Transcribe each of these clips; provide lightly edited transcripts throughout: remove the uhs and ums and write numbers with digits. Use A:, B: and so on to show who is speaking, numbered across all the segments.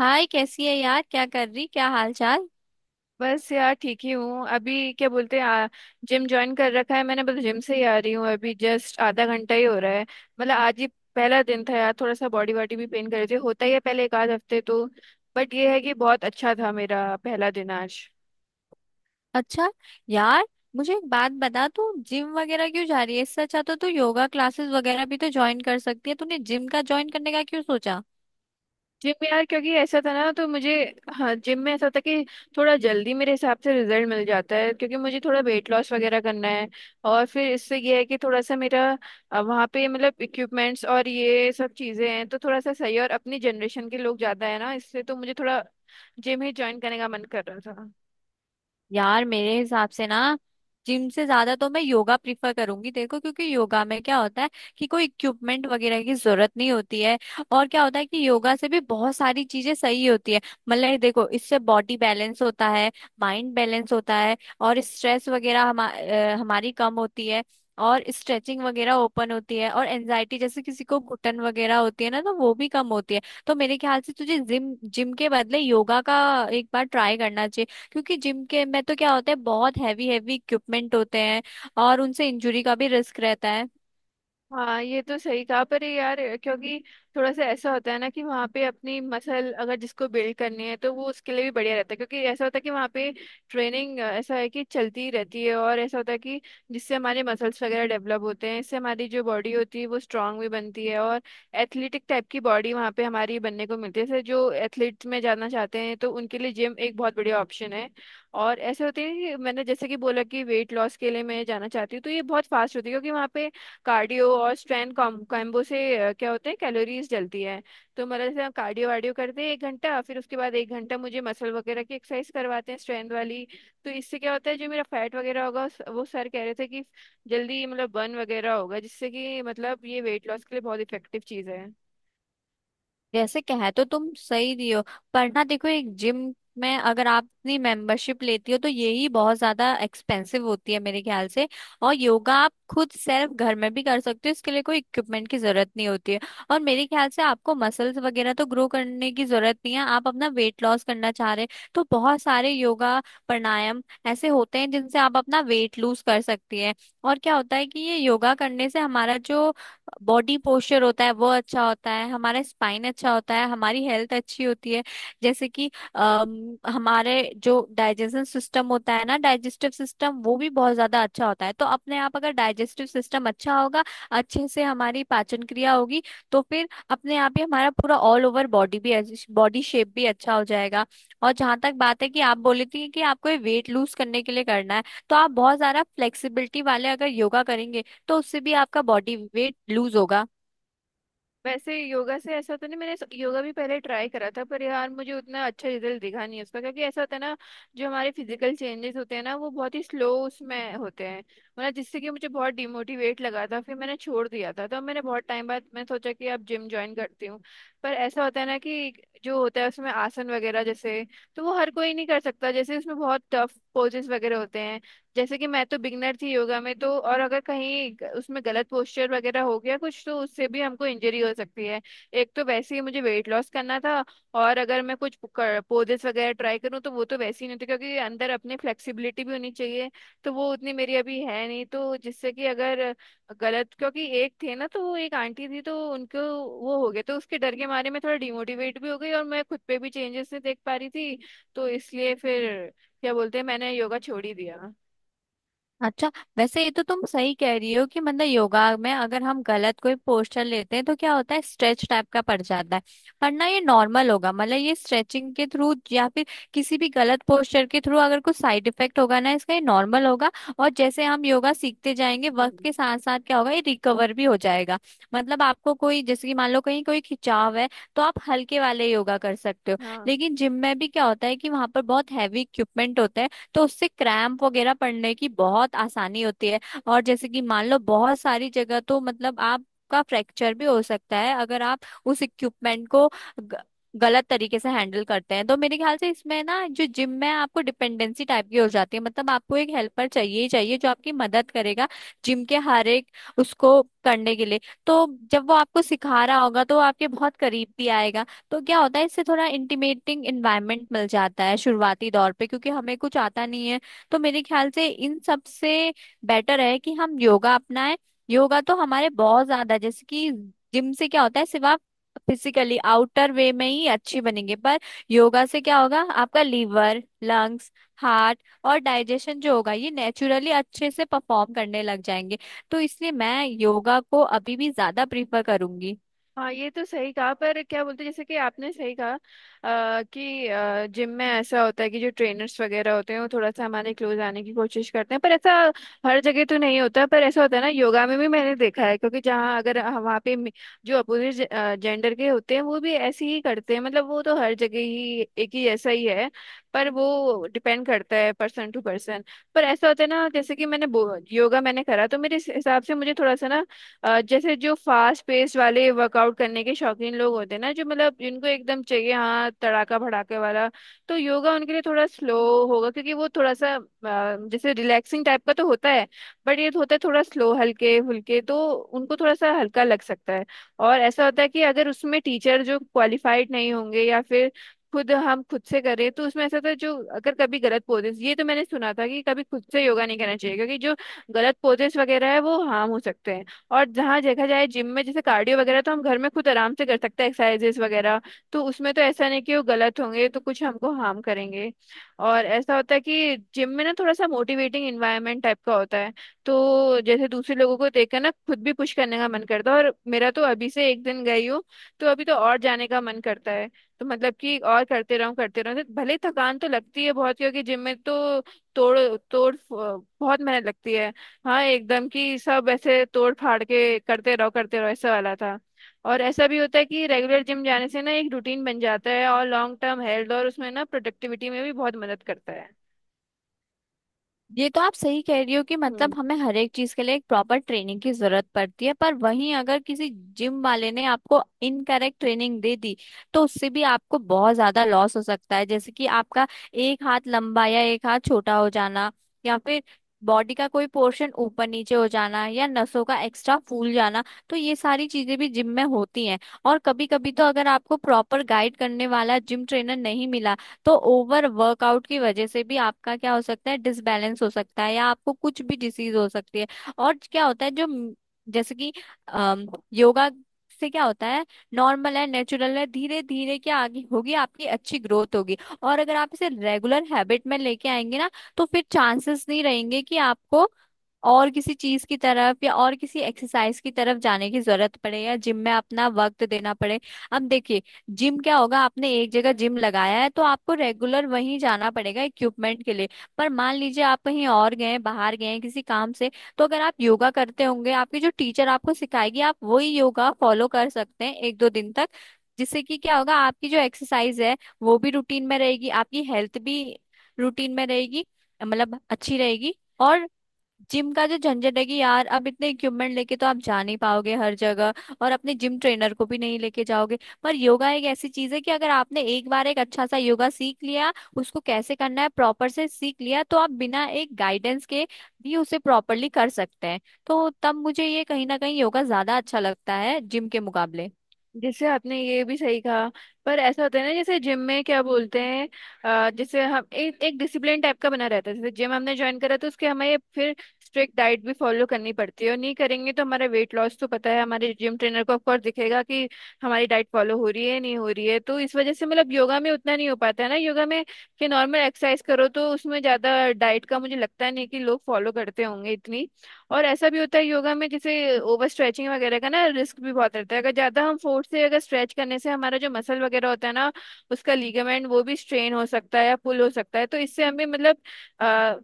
A: हाय, कैसी है यार, क्या कर रही, क्या हाल चाल।
B: बस यार ठीक ही हूँ। अभी क्या बोलते हैं, जिम ज्वाइन कर रखा है मैंने। बस जिम से ही आ रही हूँ अभी। जस्ट आधा घंटा ही हो रहा है, मतलब आज ही पहला दिन था यार। थोड़ा सा बॉडी वॉडी भी पेन कर रही थी, होता ही है पहले एक आध हफ्ते तो। बट ये है कि बहुत अच्छा था मेरा पहला दिन आज।
A: अच्छा यार, मुझे एक बात बता तू जिम वगैरह क्यों जा रही है। इससे अच्छा तो तू योगा क्लासेस वगैरह भी तो ज्वाइन कर सकती है। तूने जिम का ज्वाइन करने का क्यों सोचा।
B: जिम में यार क्योंकि ऐसा था ना तो मुझे, हाँ, जिम में ऐसा था कि थोड़ा जल्दी मेरे हिसाब से रिजल्ट मिल जाता है, क्योंकि मुझे थोड़ा वेट लॉस वगैरह करना है। और फिर इससे ये है कि थोड़ा सा मेरा, वहाँ पे मतलब इक्विपमेंट्स और ये सब चीज़ें हैं तो थोड़ा सा सही है। और अपनी जनरेशन के लोग ज़्यादा है ना, इससे तो मुझे थोड़ा जिम ही ज्वाइन करने का मन कर रहा था।
A: यार मेरे हिसाब से ना, जिम से ज्यादा तो मैं योगा प्रीफर करूंगी। देखो क्योंकि योगा में क्या होता है कि कोई इक्विपमेंट वगैरह की जरूरत नहीं होती है। और क्या होता है कि योगा से भी बहुत सारी चीजें सही होती है। मतलब ये देखो, इससे बॉडी बैलेंस होता है, माइंड बैलेंस होता है और स्ट्रेस वगैरह हमारी कम होती है। और स्ट्रेचिंग वगैरह ओपन होती है और एनजाइटी जैसे किसी को घुटन वगैरह होती है ना, तो वो भी कम होती है। तो मेरे ख्याल से तुझे जिम जिम के बदले योगा का एक बार ट्राई करना चाहिए। क्योंकि जिम के में तो क्या होता है, बहुत हैवी हैवी इक्विपमेंट होते हैं और उनसे इंजरी का भी रिस्क रहता है।
B: हाँ ये तो सही कहा, पर ये यार क्योंकि थोड़ा सा ऐसा होता है ना कि वहाँ पे अपनी मसल अगर जिसको बिल्ड करनी है तो वो उसके लिए भी बढ़िया रहता है। क्योंकि ऐसा होता है कि वहाँ पे ट्रेनिंग ऐसा है कि चलती ही रहती है, और ऐसा होता है कि जिससे हमारे मसल्स वगैरह डेवलप होते हैं, इससे हमारी जो बॉडी होती है वो स्ट्रांग भी बनती है और एथलेटिक टाइप की बॉडी वहाँ पे हमारी बनने को मिलती है। जैसे जो एथलीट्स में जाना चाहते हैं तो उनके लिए जिम एक बहुत बढ़िया ऑप्शन है। और ऐसे होते हैं कि मैंने जैसे कि बोला कि वेट लॉस के लिए मैं जाना चाहती हूँ तो ये बहुत फास्ट होती है, क्योंकि वहाँ पे कार्डियो और स्ट्रेंथ कॉम्बो से क्या होते हैं, कैलोरीज जलती है। तो मतलब जैसे हम कार्डियो वार्डियो करते हैं एक घंटा, फिर उसके बाद एक घंटा मुझे मसल वगैरह की एक्सरसाइज करवाते हैं स्ट्रेंथ वाली। तो इससे क्या होता है जो मेरा फैट वगैरह होगा वो सर कह रहे थे कि जल्दी मतलब बर्न वगैरह होगा, जिससे कि मतलब ये वेट लॉस के लिए बहुत इफेक्टिव चीज़ है।
A: जैसे कहे तो तुम सही रही हो, पर ना देखो, एक जिम में अगर आप अपनी मेंबरशिप लेती हो तो यही बहुत ज्यादा एक्सपेंसिव होती है मेरे ख्याल से। और योगा आप खुद सेल्फ घर में भी कर सकते हो, इसके लिए कोई इक्विपमेंट की जरूरत नहीं होती है। और मेरे ख्याल से आपको मसल्स वगैरह तो ग्रो करने की जरूरत नहीं है, आप अपना वेट लॉस करना चाह रहे हैं तो बहुत सारे योगा, प्राणायाम ऐसे होते हैं जिनसे आप अपना वेट लूज कर सकती है। और क्या होता है कि ये योगा करने से हमारा जो बॉडी पोस्चर होता है वो अच्छा होता है, हमारा स्पाइन अच्छा होता है, हमारी हेल्थ अच्छी होती है। जैसे कि हमारे जो डाइजेशन सिस्टम होता है ना, डाइजेस्टिव सिस्टम, वो भी बहुत ज्यादा अच्छा होता है। तो अपने आप अगर डाइजेस्टिव सिस्टम अच्छा होगा, अच्छे से हमारी पाचन क्रिया होगी, तो फिर अपने आप ही हमारा पूरा ऑल ओवर बॉडी भी, बॉडी शेप भी अच्छा हो जाएगा। और जहां तक बात है कि आप बोली थी कि आपको ये वेट लूज करने के लिए करना है, तो आप बहुत सारा फ्लेक्सिबिलिटी वाले अगर योगा करेंगे तो उससे भी आपका बॉडी वेट लूज होगा।
B: वैसे योगा से ऐसा तो नहीं, मैंने योगा भी पहले ट्राई करा था पर यार मुझे उतना अच्छा रिजल्ट दिखा नहीं उसका, क्योंकि ऐसा होता है ना, जो हमारे फिजिकल चेंजेस होते हैं ना वो बहुत ही स्लो उसमें होते हैं। मतलब जिससे कि मुझे बहुत डिमोटिवेट लगा था, फिर मैंने छोड़ दिया था। तो मैंने बहुत टाइम बाद मैं सोचा कि अब जिम ज्वाइन करती हूँ। पर ऐसा होता है ना कि जो होता है उसमें आसन वगैरह जैसे, तो वो हर कोई नहीं कर सकता, जैसे उसमें बहुत टफ पोजेस वगैरह होते हैं। जैसे कि मैं तो बिगनर थी योगा में, तो और अगर कहीं उसमें गलत पोस्चर वगैरह हो गया कुछ तो उससे भी हमको इंजरी हो सकती है। एक तो वैसे ही मुझे वेट लॉस करना था, और अगर मैं कुछ पोजेस वगैरह ट्राई करूँ तो वो तो वैसे ही नहीं होती, क्योंकि अंदर अपनी फ्लेक्सिबिलिटी भी होनी चाहिए, तो वो उतनी मेरी अभी है नहीं। तो जिससे कि अगर गलत, क्योंकि एक थे ना, तो वो एक आंटी थी तो उनको वो हो गया, तो उसके डर के मारे मैं थोड़ा डिमोटिवेट भी हो गई और मैं खुद पे भी चेंजेस नहीं देख पा रही थी। तो इसलिए फिर क्या बोलते हैं, मैंने योगा छोड़ ही दिया।
A: अच्छा, वैसे ये तो तुम सही कह रही हो कि मतलब योगा में अगर हम गलत कोई पोस्चर लेते हैं तो क्या होता है, स्ट्रेच टाइप का पड़ जाता है। पर ना ये नॉर्मल होगा, मतलब ये स्ट्रेचिंग के थ्रू या फिर किसी भी गलत पोस्चर के थ्रू अगर कुछ साइड इफेक्ट होगा ना इसका, ये नॉर्मल होगा। और जैसे हम योगा सीखते जाएंगे वक्त
B: हम्म,
A: के साथ साथ, क्या होगा, ये रिकवर भी हो जाएगा। मतलब आपको कोई, जैसे कि मान लो कहीं कोई खिंचाव है, तो आप हल्के वाले योगा कर सकते हो।
B: हाँ
A: लेकिन जिम में भी क्या होता है कि वहां पर बहुत हैवी इक्विपमेंट होता है, तो उससे क्रैम्प वगैरह पड़ने की बहुत आसानी होती है। और जैसे कि मान लो बहुत सारी जगह तो मतलब आपका फ्रैक्चर भी हो सकता है अगर आप उस इक्विपमेंट को ग- गलत तरीके से हैंडल करते हैं। तो मेरे ख्याल से इसमें ना, जो जिम में आपको डिपेंडेंसी टाइप की हो जाती है, मतलब आपको एक हेल्पर चाहिए ही चाहिए जो आपकी मदद करेगा जिम के हर एक उसको करने के लिए। तो जब वो आपको सिखा रहा होगा तो वो आपके बहुत करीब भी आएगा। तो क्या होता है, इससे थोड़ा इंटीमेटिंग इन्वायरमेंट मिल जाता है शुरुआती दौर पे, क्योंकि हमें कुछ आता नहीं है। तो मेरे ख्याल से इन सब से बेटर है कि हम योगा अपनाएं। योगा तो हमारे बहुत ज्यादा, जैसे कि जिम से क्या होता है सिर्फ आप फिजिकली आउटर वे में ही अच्छी बनेंगे, पर योगा से क्या होगा, आपका लीवर, लंग्स, हार्ट और डाइजेशन जो होगा ये नेचुरली अच्छे से परफॉर्म करने लग जाएंगे। तो इसलिए मैं योगा को अभी भी ज्यादा प्रीफर करूंगी।
B: हाँ, ये तो सही कहा। पर क्या बोलते हैं, जैसे कि आपने सही कहा कि जिम में ऐसा होता है कि जो ट्रेनर्स वगैरह होते हैं वो थोड़ा सा हमारे क्लोज आने की कोशिश करते हैं, पर ऐसा हर जगह तो नहीं होता। पर ऐसा होता है ना, योगा में भी मैंने देखा है, क्योंकि जहाँ अगर वहाँ पे जो अपोजिट जेंडर के होते हैं वो भी ऐसे ही करते हैं। मतलब वो तो हर जगह ही एक ही ऐसा ही है, पर वो डिपेंड करता है पर्सन टू पर्सन। पर ऐसा होता है ना, जैसे कि मैंने योगा मैंने करा, तो मेरे हिसाब से मुझे थोड़ा सा ना जैसे जो फास्ट पेस वाले वर्कआउट करने के शौकीन लोग होते हैं ना, जो मतलब जिनको एकदम चाहिए हाँ, तड़ाका भड़ाके वाला, तो योगा उनके लिए थोड़ा स्लो होगा, क्योंकि वो थोड़ा सा जैसे रिलैक्सिंग टाइप का तो होता है, बट ये होता है थोड़ा स्लो हल्के फुल्के, तो उनको थोड़ा सा हल्का लग सकता है। और ऐसा होता है कि अगर उसमें टीचर जो क्वालिफाइड नहीं होंगे, या फिर खुद हम खुद से करें, तो उसमें ऐसा होता है जो अगर कभी गलत पोजेस, ये तो मैंने सुना था कि कभी खुद से योगा नहीं करना चाहिए, क्योंकि जो गलत पोजेस वगैरह है वो हार्म हो सकते हैं। और जहाँ देखा जाए जिम में, जैसे कार्डियो वगैरह तो हम घर में खुद आराम से कर सकते हैं एक्सरसाइजेस वगैरह। तो उसमें तो ऐसा नहीं कि वो गलत होंगे तो कुछ हमको हार्म करेंगे। और ऐसा होता है कि जिम में ना थोड़ा सा मोटिवेटिंग इन्वायरमेंट टाइप का होता है, तो जैसे दूसरे लोगों को देखकर ना खुद भी पुश करने का मन करता है। और मेरा तो अभी से एक दिन गई हूँ, तो अभी तो और जाने का मन करता है। तो मतलब कि और करते रहूं करते रहूं, भले ही थकान तो लगती है बहुत, क्योंकि जिम में तो तोड़ तोड़ बहुत मेहनत लगती है। हाँ एकदम, कि सब ऐसे तोड़ फाड़ के करते रहो करते रहो, ऐसा वाला था। और ऐसा भी होता है कि रेगुलर जिम जाने से ना एक रूटीन बन जाता है, और लॉन्ग टर्म हेल्थ और उसमें ना प्रोडक्टिविटी में भी बहुत मदद करता है।
A: ये तो आप सही कह रही हो कि
B: हम्म।
A: मतलब हमें हर एक चीज के लिए एक प्रॉपर ट्रेनिंग की जरूरत पड़ती है, पर वहीं अगर किसी जिम वाले ने आपको इनकरेक्ट ट्रेनिंग दे दी तो उससे भी आपको बहुत ज्यादा लॉस हो सकता है। जैसे कि आपका एक हाथ लंबा या एक हाथ छोटा हो जाना, या फिर बॉडी का कोई पोर्शन ऊपर नीचे हो जाना, या नसों का एक्स्ट्रा फूल जाना, तो ये सारी चीजें भी जिम में होती हैं। और कभी कभी तो अगर आपको प्रॉपर गाइड करने वाला जिम ट्रेनर नहीं मिला तो ओवर वर्कआउट की वजह से भी आपका क्या हो सकता है, डिसबैलेंस हो सकता है या आपको कुछ भी डिसीज हो सकती है। और क्या होता है जो जैसे कि अम, योगा से क्या होता है, नॉर्मल है, नेचुरल है, धीरे धीरे क्या आगे होगी, आपकी अच्छी ग्रोथ होगी। और अगर आप इसे रेगुलर हैबिट में लेके आएंगे ना, तो फिर चांसेस नहीं रहेंगे कि आपको और किसी चीज की तरफ या और किसी एक्सरसाइज की तरफ जाने की जरूरत पड़े या जिम में अपना वक्त देना पड़े। अब देखिए, जिम क्या होगा, आपने एक जगह जिम लगाया है तो आपको रेगुलर वहीं जाना पड़ेगा इक्विपमेंट के लिए। पर मान लीजिए आप कहीं और गए, बाहर गए किसी काम से, तो अगर आप योगा करते होंगे आपकी जो टीचर आपको सिखाएगी आप वही योगा फॉलो कर सकते हैं एक दो दिन तक। जिससे कि क्या होगा, आपकी जो एक्सरसाइज है वो भी रूटीन में रहेगी, आपकी हेल्थ भी रूटीन में रहेगी, मतलब अच्छी रहेगी। और जिम का जो झंझट है कि यार, अब इतने इक्विपमेंट लेके तो आप जा नहीं पाओगे हर जगह, और अपने जिम ट्रेनर को भी नहीं लेके जाओगे। पर योगा एक ऐसी चीज है कि अगर आपने एक बार एक अच्छा सा योगा सीख लिया, उसको कैसे करना है प्रॉपर से सीख लिया, तो आप बिना एक गाइडेंस के भी उसे प्रॉपरली कर सकते हैं। तो तब मुझे ये कहीं ना कहीं योगा ज्यादा अच्छा लगता है जिम के मुकाबले।
B: जैसे आपने ये भी सही कहा, पर ऐसा होता है ना जैसे जिम में क्या बोलते हैं, जैसे हम एक एक डिसिप्लिन टाइप का बना रहता है। जैसे जिम हमने ज्वाइन करा तो उसके हमें फिर स्ट्रिक्ट डाइट भी फॉलो करनी पड़ती है, और नहीं करेंगे तो हमारा वेट लॉस तो पता है हमारे जिम ट्रेनर को ऑफकोर्स दिखेगा कि हमारी डाइट फॉलो हो रही है नहीं हो रही है। तो इस वजह से मतलब योगा में उतना नहीं हो पाता है ना, योगा में कि नॉर्मल एक्सरसाइज करो तो उसमें ज्यादा डाइट का मुझे लगता नहीं कि लोग फॉलो करते होंगे इतनी। और ऐसा भी होता है योगा में जैसे ओवर स्ट्रेचिंग वगैरह का ना रिस्क भी बहुत रहता है, अगर ज्यादा हम फोर्स से अगर स्ट्रेच करने से हमारा जो मसल वगैरह होता है ना, उसका लीगामेंट वो भी स्ट्रेन हो सकता है या पुल हो सकता है, तो इससे हमें मतलब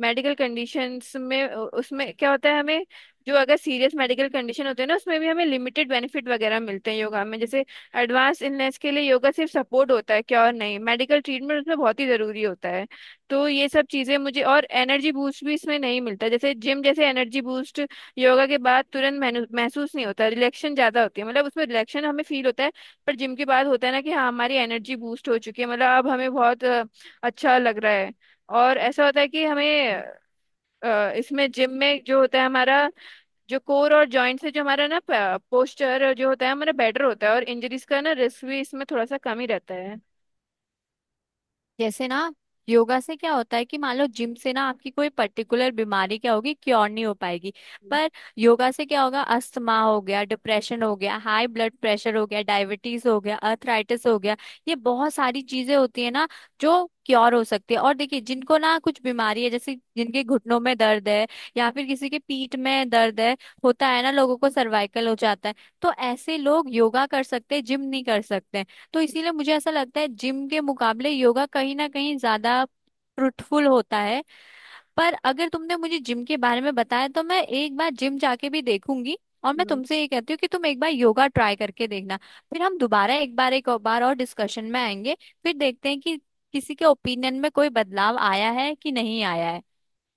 B: मेडिकल कंडीशंस में उसमें क्या होता है हमें, जो अगर सीरियस मेडिकल कंडीशन होते हैं ना, उसमें भी हमें लिमिटेड बेनिफिट वगैरह मिलते हैं योगा में। जैसे एडवांस इलनेस के लिए योगा सिर्फ सपोर्ट होता है क्या, और नहीं, मेडिकल ट्रीटमेंट उसमें बहुत ही जरूरी होता है। तो ये सब चीजें मुझे, और एनर्जी बूस्ट भी इसमें नहीं मिलता जैसे जिम जैसे एनर्जी बूस्ट। योगा के बाद तुरंत महसूस नहीं होता, रिलैक्शन ज्यादा होती है, मतलब उसमें रिलैक्शन हमें फील होता है। पर जिम के बाद होता है ना कि हाँ हमारी एनर्जी बूस्ट हो चुकी है, मतलब अब हमें बहुत अच्छा लग रहा है। और ऐसा होता है कि हमें इसमें जिम में जो होता है हमारा जो कोर और जॉइंट से जो हमारा ना पोस्चर जो होता है हमारा बेटर होता है, और इंजरीज का ना रिस्क भी इसमें थोड़ा सा कम ही रहता
A: जैसे ना, योगा से क्या होता है कि मान लो जिम से ना आपकी कोई पर्टिकुलर बीमारी क्या होगी, क्योर नहीं हो पाएगी, पर योगा से क्या होगा, अस्थमा हो गया, डिप्रेशन हो गया, हाई ब्लड प्रेशर हो गया, डायबिटीज हो गया, अर्थराइटिस हो गया, ये बहुत सारी चीजें होती है ना जो क्योर हो सकती है। और देखिए, जिनको ना कुछ बीमारी है, जैसे जिनके घुटनों में दर्द है या फिर किसी के पीठ में दर्द है, होता है ना लोगों को सर्वाइकल हो जाता है, तो ऐसे लोग योगा कर सकते हैं, जिम नहीं कर सकते। तो इसीलिए मुझे ऐसा लगता है जिम के मुकाबले योगा कहीं ना कहीं ज्यादा फ्रूटफुल होता है। पर अगर तुमने मुझे जिम के बारे में बताया, तो मैं एक बार जिम जाके भी देखूंगी, और मैं
B: है।
A: तुमसे ये कहती हूँ कि तुम एक बार योगा ट्राई करके देखना। फिर हम दोबारा एक बार, एक और बार और डिस्कशन में आएंगे, फिर देखते हैं कि किसी के ओपिनियन में कोई बदलाव आया है कि नहीं आया है।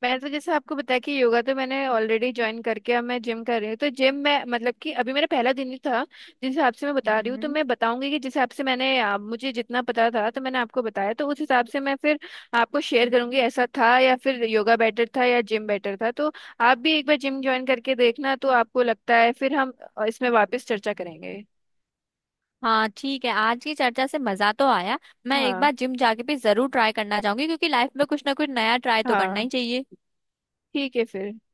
B: मैं तो जैसे आपको बताया कि योगा तो मैंने ऑलरेडी ज्वाइन करके अब मैं जिम कर रही हूँ। तो जिम में मतलब कि अभी मेरा पहला दिन ही था, जिस हिसाब से मैं बता रही हूँ तो
A: हम्म।
B: मैं बताऊंगी कि जिस हिसाब से मैंने मुझे जितना पता था, तो मैंने आपको बताया, तो उस हिसाब से मैं फिर आपको शेयर करूंगी, ऐसा था या फिर योगा बेटर था या जिम बेटर था। तो आप भी एक बार जिम ज्वाइन करके देखना, तो आपको लगता है, फिर हम इसमें वापस चर्चा करेंगे।
A: हाँ ठीक है, आज की चर्चा से मजा तो आया। मैं एक
B: हाँ
A: बार जिम जाके भी जरूर ट्राई करना चाहूंगी, क्योंकि लाइफ में कुछ ना कुछ नया ट्राई तो करना
B: हाँ,
A: ही चाहिए।
B: ठीक है फिर।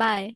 A: बाय।